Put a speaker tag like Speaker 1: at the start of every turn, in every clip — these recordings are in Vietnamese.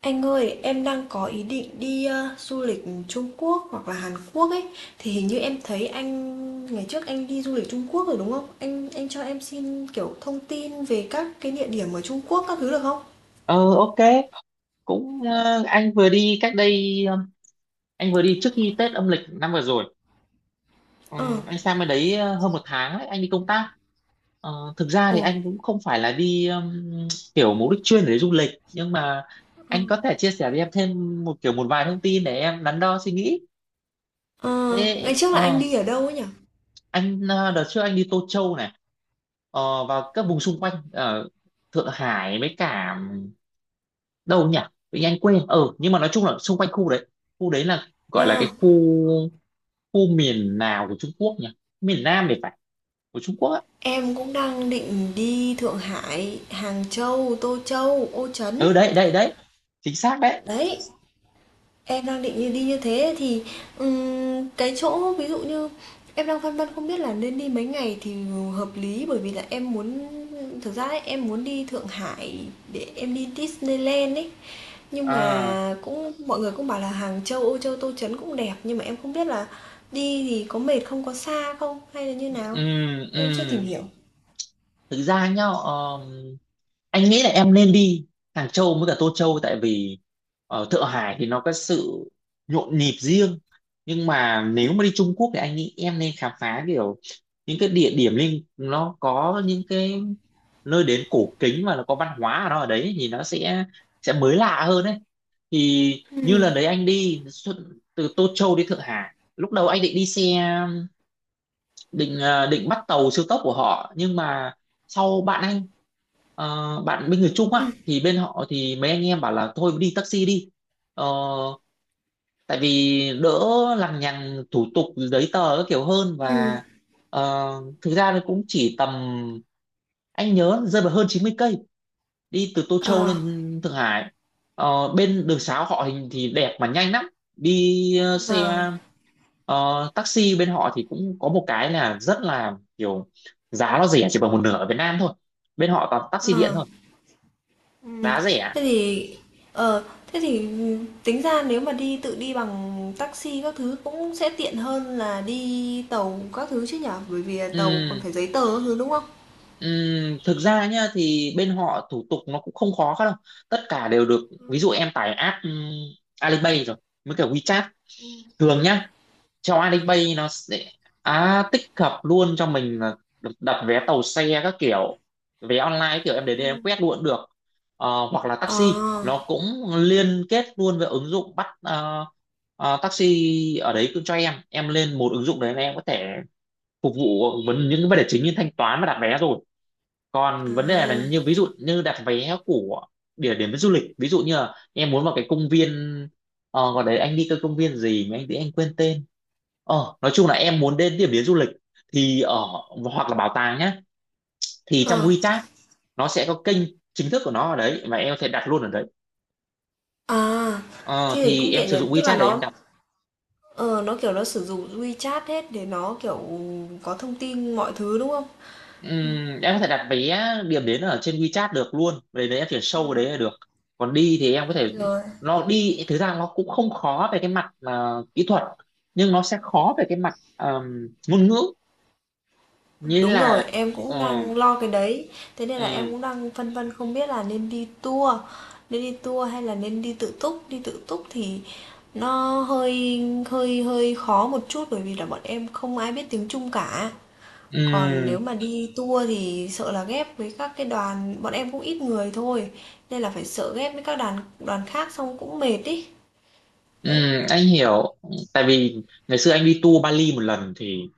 Speaker 1: Anh ơi, em đang có ý định đi du lịch Trung Quốc hoặc là Hàn Quốc ấy. Thì hình như em thấy anh ngày trước anh đi du lịch Trung Quốc rồi đúng không? Anh cho em xin kiểu thông tin về các cái địa điểm ở Trung Quốc các thứ được không?
Speaker 2: Ờ ok. Cũng anh vừa đi trước khi Tết âm lịch năm vừa rồi. Ờ,
Speaker 1: Ờ.
Speaker 2: anh sang bên đấy hơn một tháng ấy, anh đi công tác. Thực ra thì
Speaker 1: Ồ.
Speaker 2: anh cũng không phải là đi kiểu mục đích chuyên để du lịch, nhưng mà
Speaker 1: Ờ.
Speaker 2: anh có thể chia sẻ với em thêm một kiểu một vài thông tin để em đắn đo suy nghĩ.
Speaker 1: Ờ,
Speaker 2: Thế
Speaker 1: ngày trước là anh đi ở đâu ấy nhỉ?
Speaker 2: anh đợt trước anh đi Tô Châu này, và các vùng xung quanh ở Thượng Hải với cả, đâu nhỉ, tự nhiên anh quên, nhưng mà nói chung là xung quanh khu đấy. Khu đấy là
Speaker 1: Ờ,
Speaker 2: gọi là cái khu, khu miền nào của Trung Quốc nhỉ, miền Nam thì phải, của Trung Quốc á.
Speaker 1: em cũng đang định đi Thượng Hải, Hàng Châu, Tô Châu, Ô Trấn.
Speaker 2: Ừ, đấy đấy đấy, chính xác đấy.
Speaker 1: Đấy, em đang định như đi như thế thì, cái chỗ ví dụ như em đang phân vân không biết là nên đi mấy ngày thì hợp lý, bởi vì là em muốn thực ra ấy, em muốn đi Thượng Hải để em đi Disneyland ấy. Nhưng
Speaker 2: À,
Speaker 1: mà cũng mọi người cũng bảo là Hàng Châu, Âu Châu, Tô Trấn cũng đẹp, nhưng mà em không biết là đi thì có mệt không, có xa không hay là như nào?
Speaker 2: ừm,
Speaker 1: Em chưa tìm
Speaker 2: ừm.
Speaker 1: hiểu.
Speaker 2: thực ra nhá, anh nghĩ là em nên đi Hàng Châu với cả Tô Châu, tại vì ở Thượng Hải thì nó có sự nhộn nhịp riêng, nhưng mà nếu mà đi Trung Quốc thì anh nghĩ em nên khám phá kiểu những cái địa điểm liên, nó có những cái nơi đến cổ kính mà nó có văn hóa ở nó ở đấy thì nó sẽ mới lạ hơn đấy. Thì như
Speaker 1: Ừ,
Speaker 2: lần đấy anh đi xuất- từ Tô Châu đi Thượng Hải, lúc đầu anh định đi xe, định định bắt tàu siêu tốc của họ, nhưng mà sau bạn anh, bạn bên người Trung
Speaker 1: ừ,
Speaker 2: á, thì bên họ thì mấy anh em bảo là thôi đi taxi đi. Ờ, Tại vì đỡ lằng nhằng thủ tục giấy tờ các kiểu hơn.
Speaker 1: ừm.
Speaker 2: Và ờ, thực ra nó cũng chỉ tầm, anh nhớ rơi vào hơn 90 cây đi từ Tô Châu
Speaker 1: Ờ,
Speaker 2: lên Thượng Hải. Bên đường sá họ hình thì đẹp mà nhanh lắm. Đi xe
Speaker 1: vâng,
Speaker 2: taxi bên họ thì cũng có một cái là rất là kiểu, giá nó rẻ chỉ bằng một nửa ở Việt Nam thôi. Bên họ toàn taxi điện
Speaker 1: ờ,
Speaker 2: thôi,
Speaker 1: ừm,
Speaker 2: giá rẻ.
Speaker 1: thế thì ờ, thế thì tính ra nếu mà đi tự đi bằng taxi các thứ cũng sẽ tiện hơn là đi tàu các thứ chứ nhở? Bởi vì là tàu còn
Speaker 2: Ừm,
Speaker 1: phải giấy tờ các thứ đúng không?
Speaker 2: thực ra nhá thì bên họ thủ tục nó cũng không khó đâu, tất cả đều được. Ví
Speaker 1: Ừ.
Speaker 2: dụ em tải app Alipay rồi mới cả WeChat. Thường nhá, trong Alipay nó sẽ, à, tích hợp luôn cho mình là được đặt vé tàu xe các kiểu, vé online các kiểu, em đến đây em
Speaker 1: Ừm.
Speaker 2: quét luôn cũng được. Hoặc là taxi
Speaker 1: Ờ,
Speaker 2: nó cũng liên kết luôn với ứng dụng bắt taxi ở đấy, cứ cho em lên một ứng dụng đấy là em có thể phục vụ vấn những cái vấn đề chính như thanh toán và đặt vé rồi.
Speaker 1: à,
Speaker 2: Còn vấn đề là như ví dụ như đặt vé của địa điểm du lịch, ví dụ như là em muốn vào cái công viên, gọi đấy anh đi cái công viên gì mà anh thì anh quên tên, nói chung là em muốn đến điểm đến du lịch thì ở, hoặc là bảo tàng nhá, thì trong
Speaker 1: ờ,
Speaker 2: WeChat nó sẽ có kênh chính thức của nó ở đấy mà em có thể đặt luôn ở đấy.
Speaker 1: à,
Speaker 2: Ờ,
Speaker 1: thế thì
Speaker 2: thì
Speaker 1: cũng
Speaker 2: em
Speaker 1: tiện
Speaker 2: sử
Speaker 1: nhỉ,
Speaker 2: dụng
Speaker 1: tức là
Speaker 2: WeChat để em
Speaker 1: nó
Speaker 2: đặt.
Speaker 1: ờ, nó kiểu nó sử dụng WeChat hết để nó kiểu có thông tin mọi thứ đúng không?
Speaker 2: Em có thể đặt vé điểm đến ở trên WeChat được luôn, về đấy em chuyển sâu
Speaker 1: Ừ.
Speaker 2: vào đấy là được. Còn đi thì em có thể,
Speaker 1: Rồi.
Speaker 2: nó đi thực ra nó cũng không khó về cái mặt mà kỹ thuật, nhưng nó sẽ khó về cái mặt ngôn ngữ, nghĩa
Speaker 1: Đúng rồi,
Speaker 2: là
Speaker 1: em cũng
Speaker 2: ờ,
Speaker 1: đang lo cái đấy. Thế nên là em
Speaker 2: ừm,
Speaker 1: cũng đang phân vân không biết là nên đi tour hay là nên đi tự túc. Đi tự túc thì nó hơi hơi hơi khó một chút bởi vì là bọn em không ai biết tiếng Trung cả. Còn
Speaker 2: ừm,
Speaker 1: nếu mà đi tour thì sợ là ghép với các cái đoàn, bọn em cũng ít người thôi. Nên là phải sợ ghép với các đoàn đoàn khác xong cũng mệt ý. Đấy,
Speaker 2: anh hiểu. Tại vì ngày xưa anh đi tour Bali một lần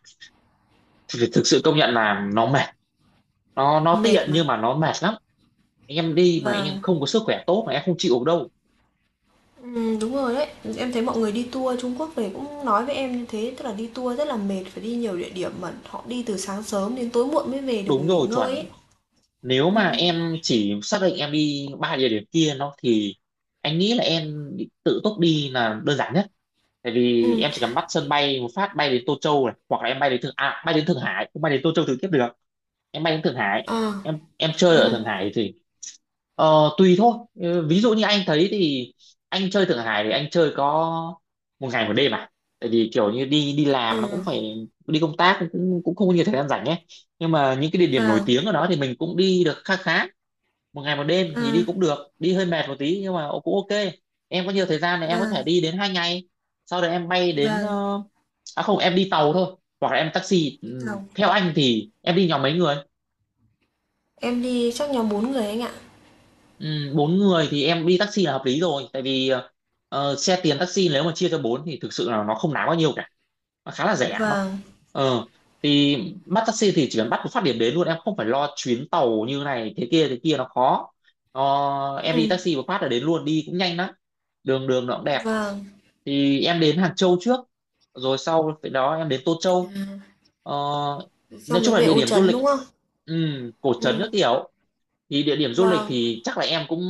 Speaker 2: thì thực sự công nhận là nó mệt, nó
Speaker 1: mệt
Speaker 2: tiện
Speaker 1: mà.
Speaker 2: nhưng mà nó mệt lắm. Em đi mà em
Speaker 1: Vâng.
Speaker 2: không có sức khỏe tốt mà em không chịu được đâu.
Speaker 1: Đúng rồi đấy. Em thấy mọi người đi tour Trung Quốc về cũng nói với em như thế, tức là đi tour rất là mệt, phải đi nhiều địa điểm mà họ đi từ sáng sớm đến tối muộn mới về được
Speaker 2: Đúng
Speaker 1: nghỉ
Speaker 2: rồi,
Speaker 1: ngơi
Speaker 2: chuẩn.
Speaker 1: ấy.
Speaker 2: Nếu mà
Speaker 1: Ừm,
Speaker 2: em chỉ xác định em đi ba địa điểm kia nó thì anh nghĩ là em tự túc đi là đơn giản nhất. Tại vì
Speaker 1: ừm,
Speaker 2: em chỉ cần bắt sân bay một phát bay đến Tô Châu này, hoặc là em bay đến Thượng à, bay đến Thượng Hải cũng bay đến Tô Châu trực tiếp được. Em bay đến Thượng Hải,
Speaker 1: ờ,
Speaker 2: em chơi ở
Speaker 1: ừm,
Speaker 2: Thượng Hải thì tùy thôi. Ừ, ví dụ như anh thấy thì anh chơi Thượng Hải thì anh chơi có một ngày một đêm à. Tại vì kiểu như đi đi
Speaker 1: ờ,
Speaker 2: làm nó cũng phải đi công tác, cũng cũng cũng không có nhiều thời gian rảnh ấy. Nhưng mà những cái địa điểm nổi
Speaker 1: vàng
Speaker 2: tiếng ở đó thì mình cũng đi được khá khá. Một ngày một đêm thì đi
Speaker 1: à,
Speaker 2: cũng được, đi hơi mệt một tí nhưng mà cũng ok. Em có nhiều thời gian thì em có
Speaker 1: vàng
Speaker 2: thể đi đến hai ngày. Sau đó em bay đến
Speaker 1: vàng
Speaker 2: à không, em đi tàu thôi hoặc là em taxi.
Speaker 1: đi
Speaker 2: Ừ,
Speaker 1: tàu.
Speaker 2: theo anh thì em đi nhóm mấy người?
Speaker 1: Em đi chắc nhóm 4 người anh ạ.
Speaker 2: Ừ, bốn người thì em đi taxi là hợp lý rồi, tại vì xe tiền taxi nếu mà chia cho bốn thì thực sự là nó không đáng bao nhiêu cả, nó khá là rẻ nó
Speaker 1: Vàng
Speaker 2: ờ thì bắt taxi thì chỉ cần bắt một phát điểm đến luôn, em không phải lo chuyến tàu như này thế kia nó khó. Ờ, em đi
Speaker 1: ừm,
Speaker 2: taxi một phát là đến luôn, đi cũng nhanh lắm, đường đường nó cũng đẹp.
Speaker 1: vàng
Speaker 2: Thì em đến Hàng Châu trước, rồi sau cái đó em đến Tô
Speaker 1: à,
Speaker 2: Châu. ờ, nói
Speaker 1: xong mới
Speaker 2: chung là
Speaker 1: về
Speaker 2: địa
Speaker 1: Ô
Speaker 2: điểm du
Speaker 1: Trấn
Speaker 2: lịch,
Speaker 1: đúng không?
Speaker 2: ừ, cổ trấn các
Speaker 1: Ừm,
Speaker 2: kiểu. Thì địa điểm du lịch
Speaker 1: vàng
Speaker 2: thì chắc là em cũng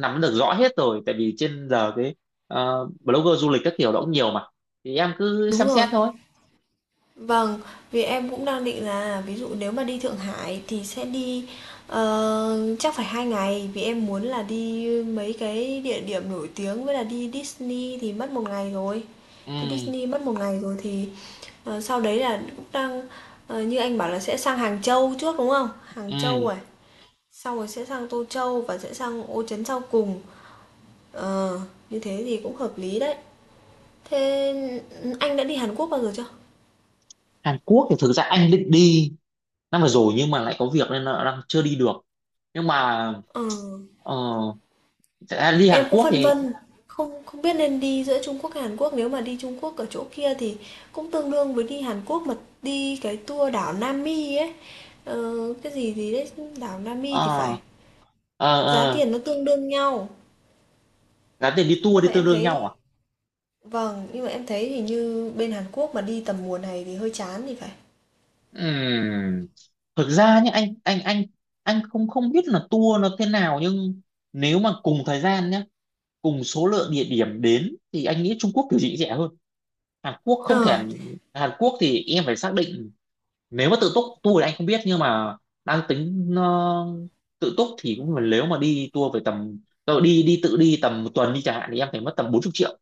Speaker 2: nắm được rõ hết rồi, tại vì trên giờ cái blogger du lịch các kiểu đó cũng nhiều mà, thì em cứ
Speaker 1: đúng
Speaker 2: xem xét
Speaker 1: rồi.
Speaker 2: thôi.
Speaker 1: Vâng, vì em cũng đang định là ví dụ nếu mà đi Thượng Hải thì sẽ đi, ờ, chắc phải 2 ngày vì em muốn là đi mấy cái địa điểm nổi tiếng với là đi Disney thì mất 1 ngày rồi. Đi
Speaker 2: Ừ.
Speaker 1: Disney mất 1 ngày rồi thì, ờ, sau đấy là cũng đang như anh bảo là sẽ sang Hàng Châu trước, đúng không? Hàng Châu
Speaker 2: Ừ.
Speaker 1: rồi sau rồi sẽ sang Tô Châu và sẽ sang Ô Trấn sau cùng. Ờ, như thế thì cũng hợp lý đấy. Thế anh đã đi Hàn Quốc bao giờ chưa?
Speaker 2: Hàn Quốc thì thực ra anh định đi năm vừa rồi nhưng mà lại có việc nên là đang chưa đi được, nhưng mà
Speaker 1: Ờ.
Speaker 2: ờ, thật ra đi Hàn
Speaker 1: Em cũng
Speaker 2: Quốc
Speaker 1: phân
Speaker 2: thì
Speaker 1: vân, không không biết nên đi giữa Trung Quốc hay Hàn Quốc, nếu mà đi Trung Quốc ở chỗ kia thì cũng tương đương với đi Hàn Quốc mà đi cái tour đảo Nam Mi ấy. Ờ, cái gì gì đấy, đảo Nam Mi thì phải.
Speaker 2: ờ ờ
Speaker 1: Giá
Speaker 2: ờ
Speaker 1: tiền nó tương đương nhau.
Speaker 2: giá tiền đi tour
Speaker 1: Nhưng
Speaker 2: đi
Speaker 1: mà
Speaker 2: tương
Speaker 1: em
Speaker 2: đương nhau à?
Speaker 1: thấy vâng, nhưng mà em thấy thì như bên Hàn Quốc mà đi tầm mùa này thì hơi chán thì phải.
Speaker 2: Ừm, thực ra nhé, anh không không biết là tour nó thế nào, nhưng nếu mà cùng thời gian nhé, cùng số lượng địa điểm đến thì anh nghĩ Trung Quốc kiểu gì cũng rẻ hơn Hàn Quốc. Không
Speaker 1: Ờ,
Speaker 2: thể, Hàn Quốc thì em phải xác định, nếu mà tự túc tour thì anh không biết nhưng mà đang tính tự túc thì cũng, nếu mà đi tour về tầm, tự đi tầm một tuần đi chẳng hạn thì em phải mất tầm 40 triệu,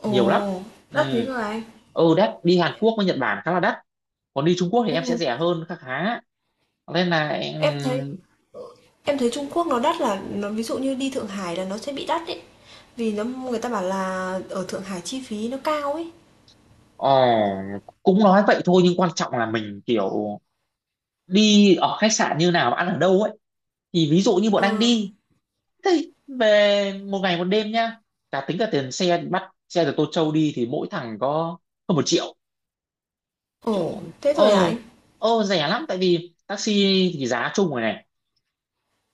Speaker 1: ồ,
Speaker 2: nhiều lắm. Ừ.
Speaker 1: đắt thế rồi anh.
Speaker 2: Ừ, đắt, đi Hàn Quốc với Nhật Bản khá là đắt, còn đi Trung Quốc thì
Speaker 1: Ừ,
Speaker 2: em sẽ rẻ hơn khá khá, nên là em
Speaker 1: em thấy em thấy Trung Quốc nó đắt là nó ví dụ như đi Thượng Hải là nó sẽ bị đắt đấy. Vì nó người ta bảo là ở Thượng Hải chi phí nó cao ấy.
Speaker 2: ờ, cũng nói vậy thôi nhưng quan trọng là mình kiểu đi ở khách sạn như nào, ăn ở đâu ấy. Thì ví dụ như bọn anh
Speaker 1: Ờ.
Speaker 2: đi thế, về một ngày một đêm nhá, cả tính cả tiền xe bắt xe từ Tô Châu đi thì mỗi thằng có hơn một triệu, triệu
Speaker 1: Ồ, thế thôi hả anh?
Speaker 2: ô, ô rẻ lắm. Tại vì taxi thì giá chung rồi này.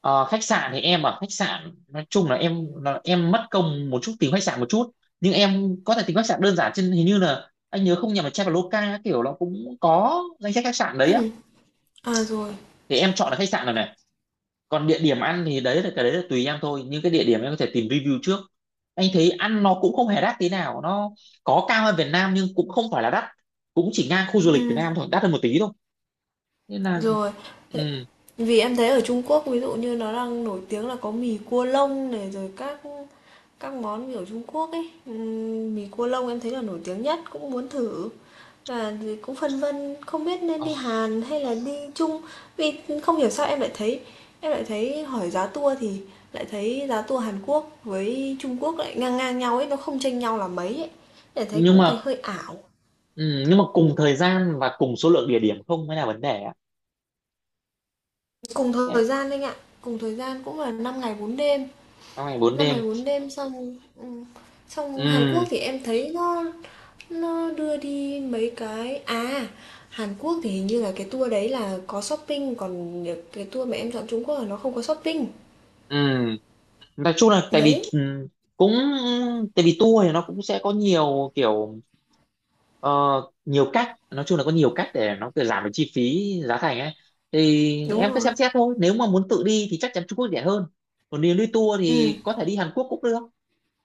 Speaker 2: Ờ, khách sạn thì em ở khách sạn, nói chung là em mất công một chút tìm khách sạn một chút, nhưng em có thể tìm khách sạn đơn giản trên, hình như là anh nhớ không nhầm là Traveloka các kiểu, nó cũng có danh sách khách sạn đấy á.
Speaker 1: Ừm, à rồi.
Speaker 2: Thì em chọn là khách sạn rồi này. Còn địa điểm ăn thì đấy là, cái đấy là tùy em thôi, nhưng cái địa điểm em có thể tìm review trước. Anh thấy ăn nó cũng không hề đắt tí nào, nó có cao hơn Việt Nam nhưng cũng không phải là đắt, cũng chỉ ngang khu du lịch Việt
Speaker 1: Ừm,
Speaker 2: Nam thôi, đắt hơn một tí thôi, nên là
Speaker 1: Rồi, tại
Speaker 2: ừ.
Speaker 1: vì em thấy ở Trung Quốc ví dụ như nó đang nổi tiếng là có mì cua lông này rồi các món kiểu Trung Quốc ấy. Mì cua lông em thấy là nổi tiếng nhất cũng muốn thử. Và thì cũng phân vân không biết nên
Speaker 2: ờ,
Speaker 1: đi Hàn hay là đi Trung vì không hiểu sao em lại thấy hỏi giá tour thì lại thấy giá tour Hàn Quốc với Trung Quốc lại ngang ngang nhau ấy, nó không chênh nhau là mấy ấy. Để thấy
Speaker 2: nhưng
Speaker 1: cũng thấy
Speaker 2: mà
Speaker 1: hơi ảo.
Speaker 2: ừ, nhưng mà cùng thời gian và cùng số lượng địa điểm không mới là vấn đề á.
Speaker 1: Cùng
Speaker 2: Đấy,
Speaker 1: thời gian anh ạ, cùng thời gian cũng là 5 ngày 4 đêm.
Speaker 2: trong ngày bốn
Speaker 1: Năm
Speaker 2: đêm.
Speaker 1: Ngày 4 Đêm xong ừ, xong Hàn
Speaker 2: Ừ,
Speaker 1: Quốc thì em thấy nó đưa đi mấy cái à Hàn Quốc thì hình như là cái tour đấy là có shopping, còn cái tour mà em chọn Trung Quốc là nó không có shopping.
Speaker 2: ừ, nói chung là tại vì
Speaker 1: Đấy,
Speaker 2: cũng tại vì tour thì nó cũng sẽ có nhiều kiểu ờ, nhiều cách, nói chung là có nhiều cách để nó kiểu giảm được chi phí giá thành ấy. Thì
Speaker 1: đúng
Speaker 2: em cứ
Speaker 1: rồi.
Speaker 2: xem xét thôi, nếu mà muốn tự đi thì chắc chắn Trung Quốc rẻ hơn, còn nếu đi tour
Speaker 1: Ừ,
Speaker 2: thì có thể đi Hàn Quốc cũng được,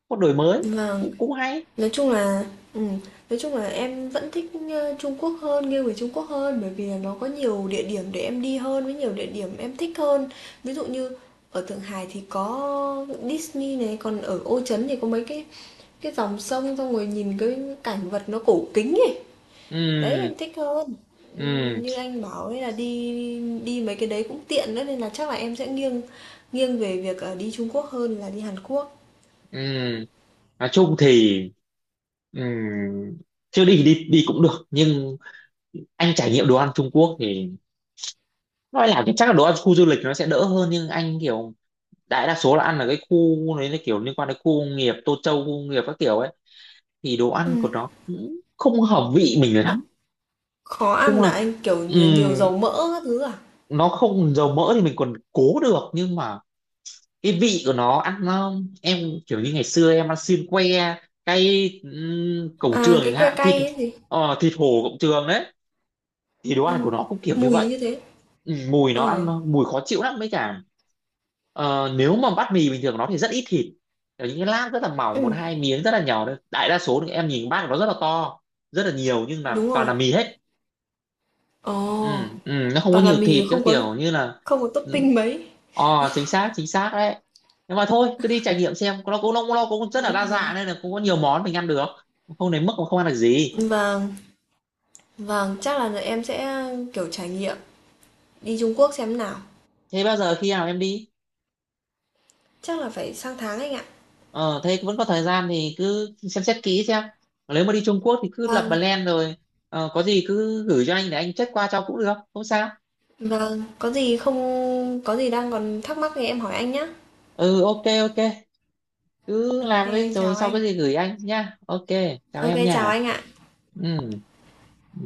Speaker 2: có đổi mới
Speaker 1: vâng,
Speaker 2: cũng cũng hay.
Speaker 1: nói chung là ừm, nói chung là em vẫn thích, ờ, Trung Quốc hơn, nghiêng về Trung Quốc hơn bởi vì là nó có nhiều địa điểm để em đi hơn, với nhiều địa điểm em thích hơn. Ví dụ như ở Thượng Hải thì có Disney này, còn ở Ô Trấn thì có mấy cái dòng sông xong rồi nhìn cái cảnh vật nó cổ kính ấy.
Speaker 2: Ừ.
Speaker 1: Đấy, em thích hơn.
Speaker 2: Ừ.
Speaker 1: Như anh bảo ấy là đi đi mấy cái đấy cũng tiện nữa nên là chắc là em sẽ nghiêng nghiêng về việc, ờ, đi Trung Quốc hơn là đi Hàn Quốc.
Speaker 2: Ừ, nói chung thì ừ, chưa đi thì đi đi cũng được, nhưng anh trải nghiệm đồ ăn Trung Quốc thì nói là cái- chắc là đồ ăn khu du lịch nó sẽ đỡ hơn, nhưng anh kiểu đại đa số là ăn ở cái khu đấy là kiểu liên quan đến khu công nghiệp Tô Châu, khu công nghiệp các kiểu ấy, thì đồ ăn
Speaker 1: Ừm.
Speaker 2: của nó cũng không hợp vị mình lắm.
Speaker 1: Khó ăn
Speaker 2: Chung là
Speaker 1: là anh, kiểu, nhiều
Speaker 2: ừm,
Speaker 1: dầu mỡ các thứ à?
Speaker 2: nó không dầu mỡ thì mình còn cố được, nhưng mà cái vị của nó ăn nó, em kiểu như ngày xưa em ăn xiên que cay cổng
Speaker 1: À,
Speaker 2: trường
Speaker 1: cái
Speaker 2: chẳng
Speaker 1: que
Speaker 2: hạn, thịt
Speaker 1: cay ấy gì?
Speaker 2: thịt hổ cổng trường đấy, thì đồ ăn
Speaker 1: Ừm,
Speaker 2: của nó cũng kiểu như
Speaker 1: mùi
Speaker 2: vậy.
Speaker 1: như thế.
Speaker 2: Ừ, mùi nó ăn,
Speaker 1: Ờ,
Speaker 2: mùi khó chịu lắm. Mấy cả nếu mà bát mì bình thường nó thì rất ít thịt. Kiểu những cái lát rất là mỏng, một
Speaker 1: ừm,
Speaker 2: hai miếng rất là nhỏ thôi, đại đa số thì em nhìn bát của nó rất là to, rất là nhiều nhưng là
Speaker 1: đúng
Speaker 2: toàn
Speaker 1: rồi.
Speaker 2: là mì hết.
Speaker 1: Ồ,
Speaker 2: Ừ, ừ, nó không có
Speaker 1: toàn là
Speaker 2: nhiều
Speaker 1: mì
Speaker 2: thịt, cái
Speaker 1: không có
Speaker 2: kiểu như là
Speaker 1: không có
Speaker 2: ừ,
Speaker 1: topping mấy.
Speaker 2: ờ, chính xác đấy. Nhưng mà thôi cứ đi trải nghiệm xem, nó cũng rất là
Speaker 1: Đúng
Speaker 2: đa
Speaker 1: rồi.
Speaker 2: dạng nên là cũng có nhiều món mình ăn được, không đến mức mà không ăn được gì.
Speaker 1: Vâng, vâng, chắc là em sẽ, kiểu, trải nghiệm đi Trung Quốc xem nào.
Speaker 2: Thế bao giờ khi nào em đi?
Speaker 1: Chắc là phải sang tháng anh ạ.
Speaker 2: Ờ, thế vẫn có thời gian thì cứ xem xét kỹ xem. Nếu mà đi Trung Quốc thì cứ lập
Speaker 1: Vâng,
Speaker 2: plan rồi. Ờ, có gì cứ gửi cho anh để anh check qua cho cũng được. Không sao.
Speaker 1: vâng, có gì không có gì đang còn thắc mắc thì em hỏi anh nhé.
Speaker 2: Ừ, ok, ok. Cứ
Speaker 1: Ok,
Speaker 2: làm đi
Speaker 1: anh
Speaker 2: rồi
Speaker 1: chào
Speaker 2: sau
Speaker 1: anh.
Speaker 2: cái gì gửi anh nhá. Ok, chào
Speaker 1: Ok,
Speaker 2: em
Speaker 1: chào
Speaker 2: nha.
Speaker 1: anh ạ.
Speaker 2: Ừ. Ừ.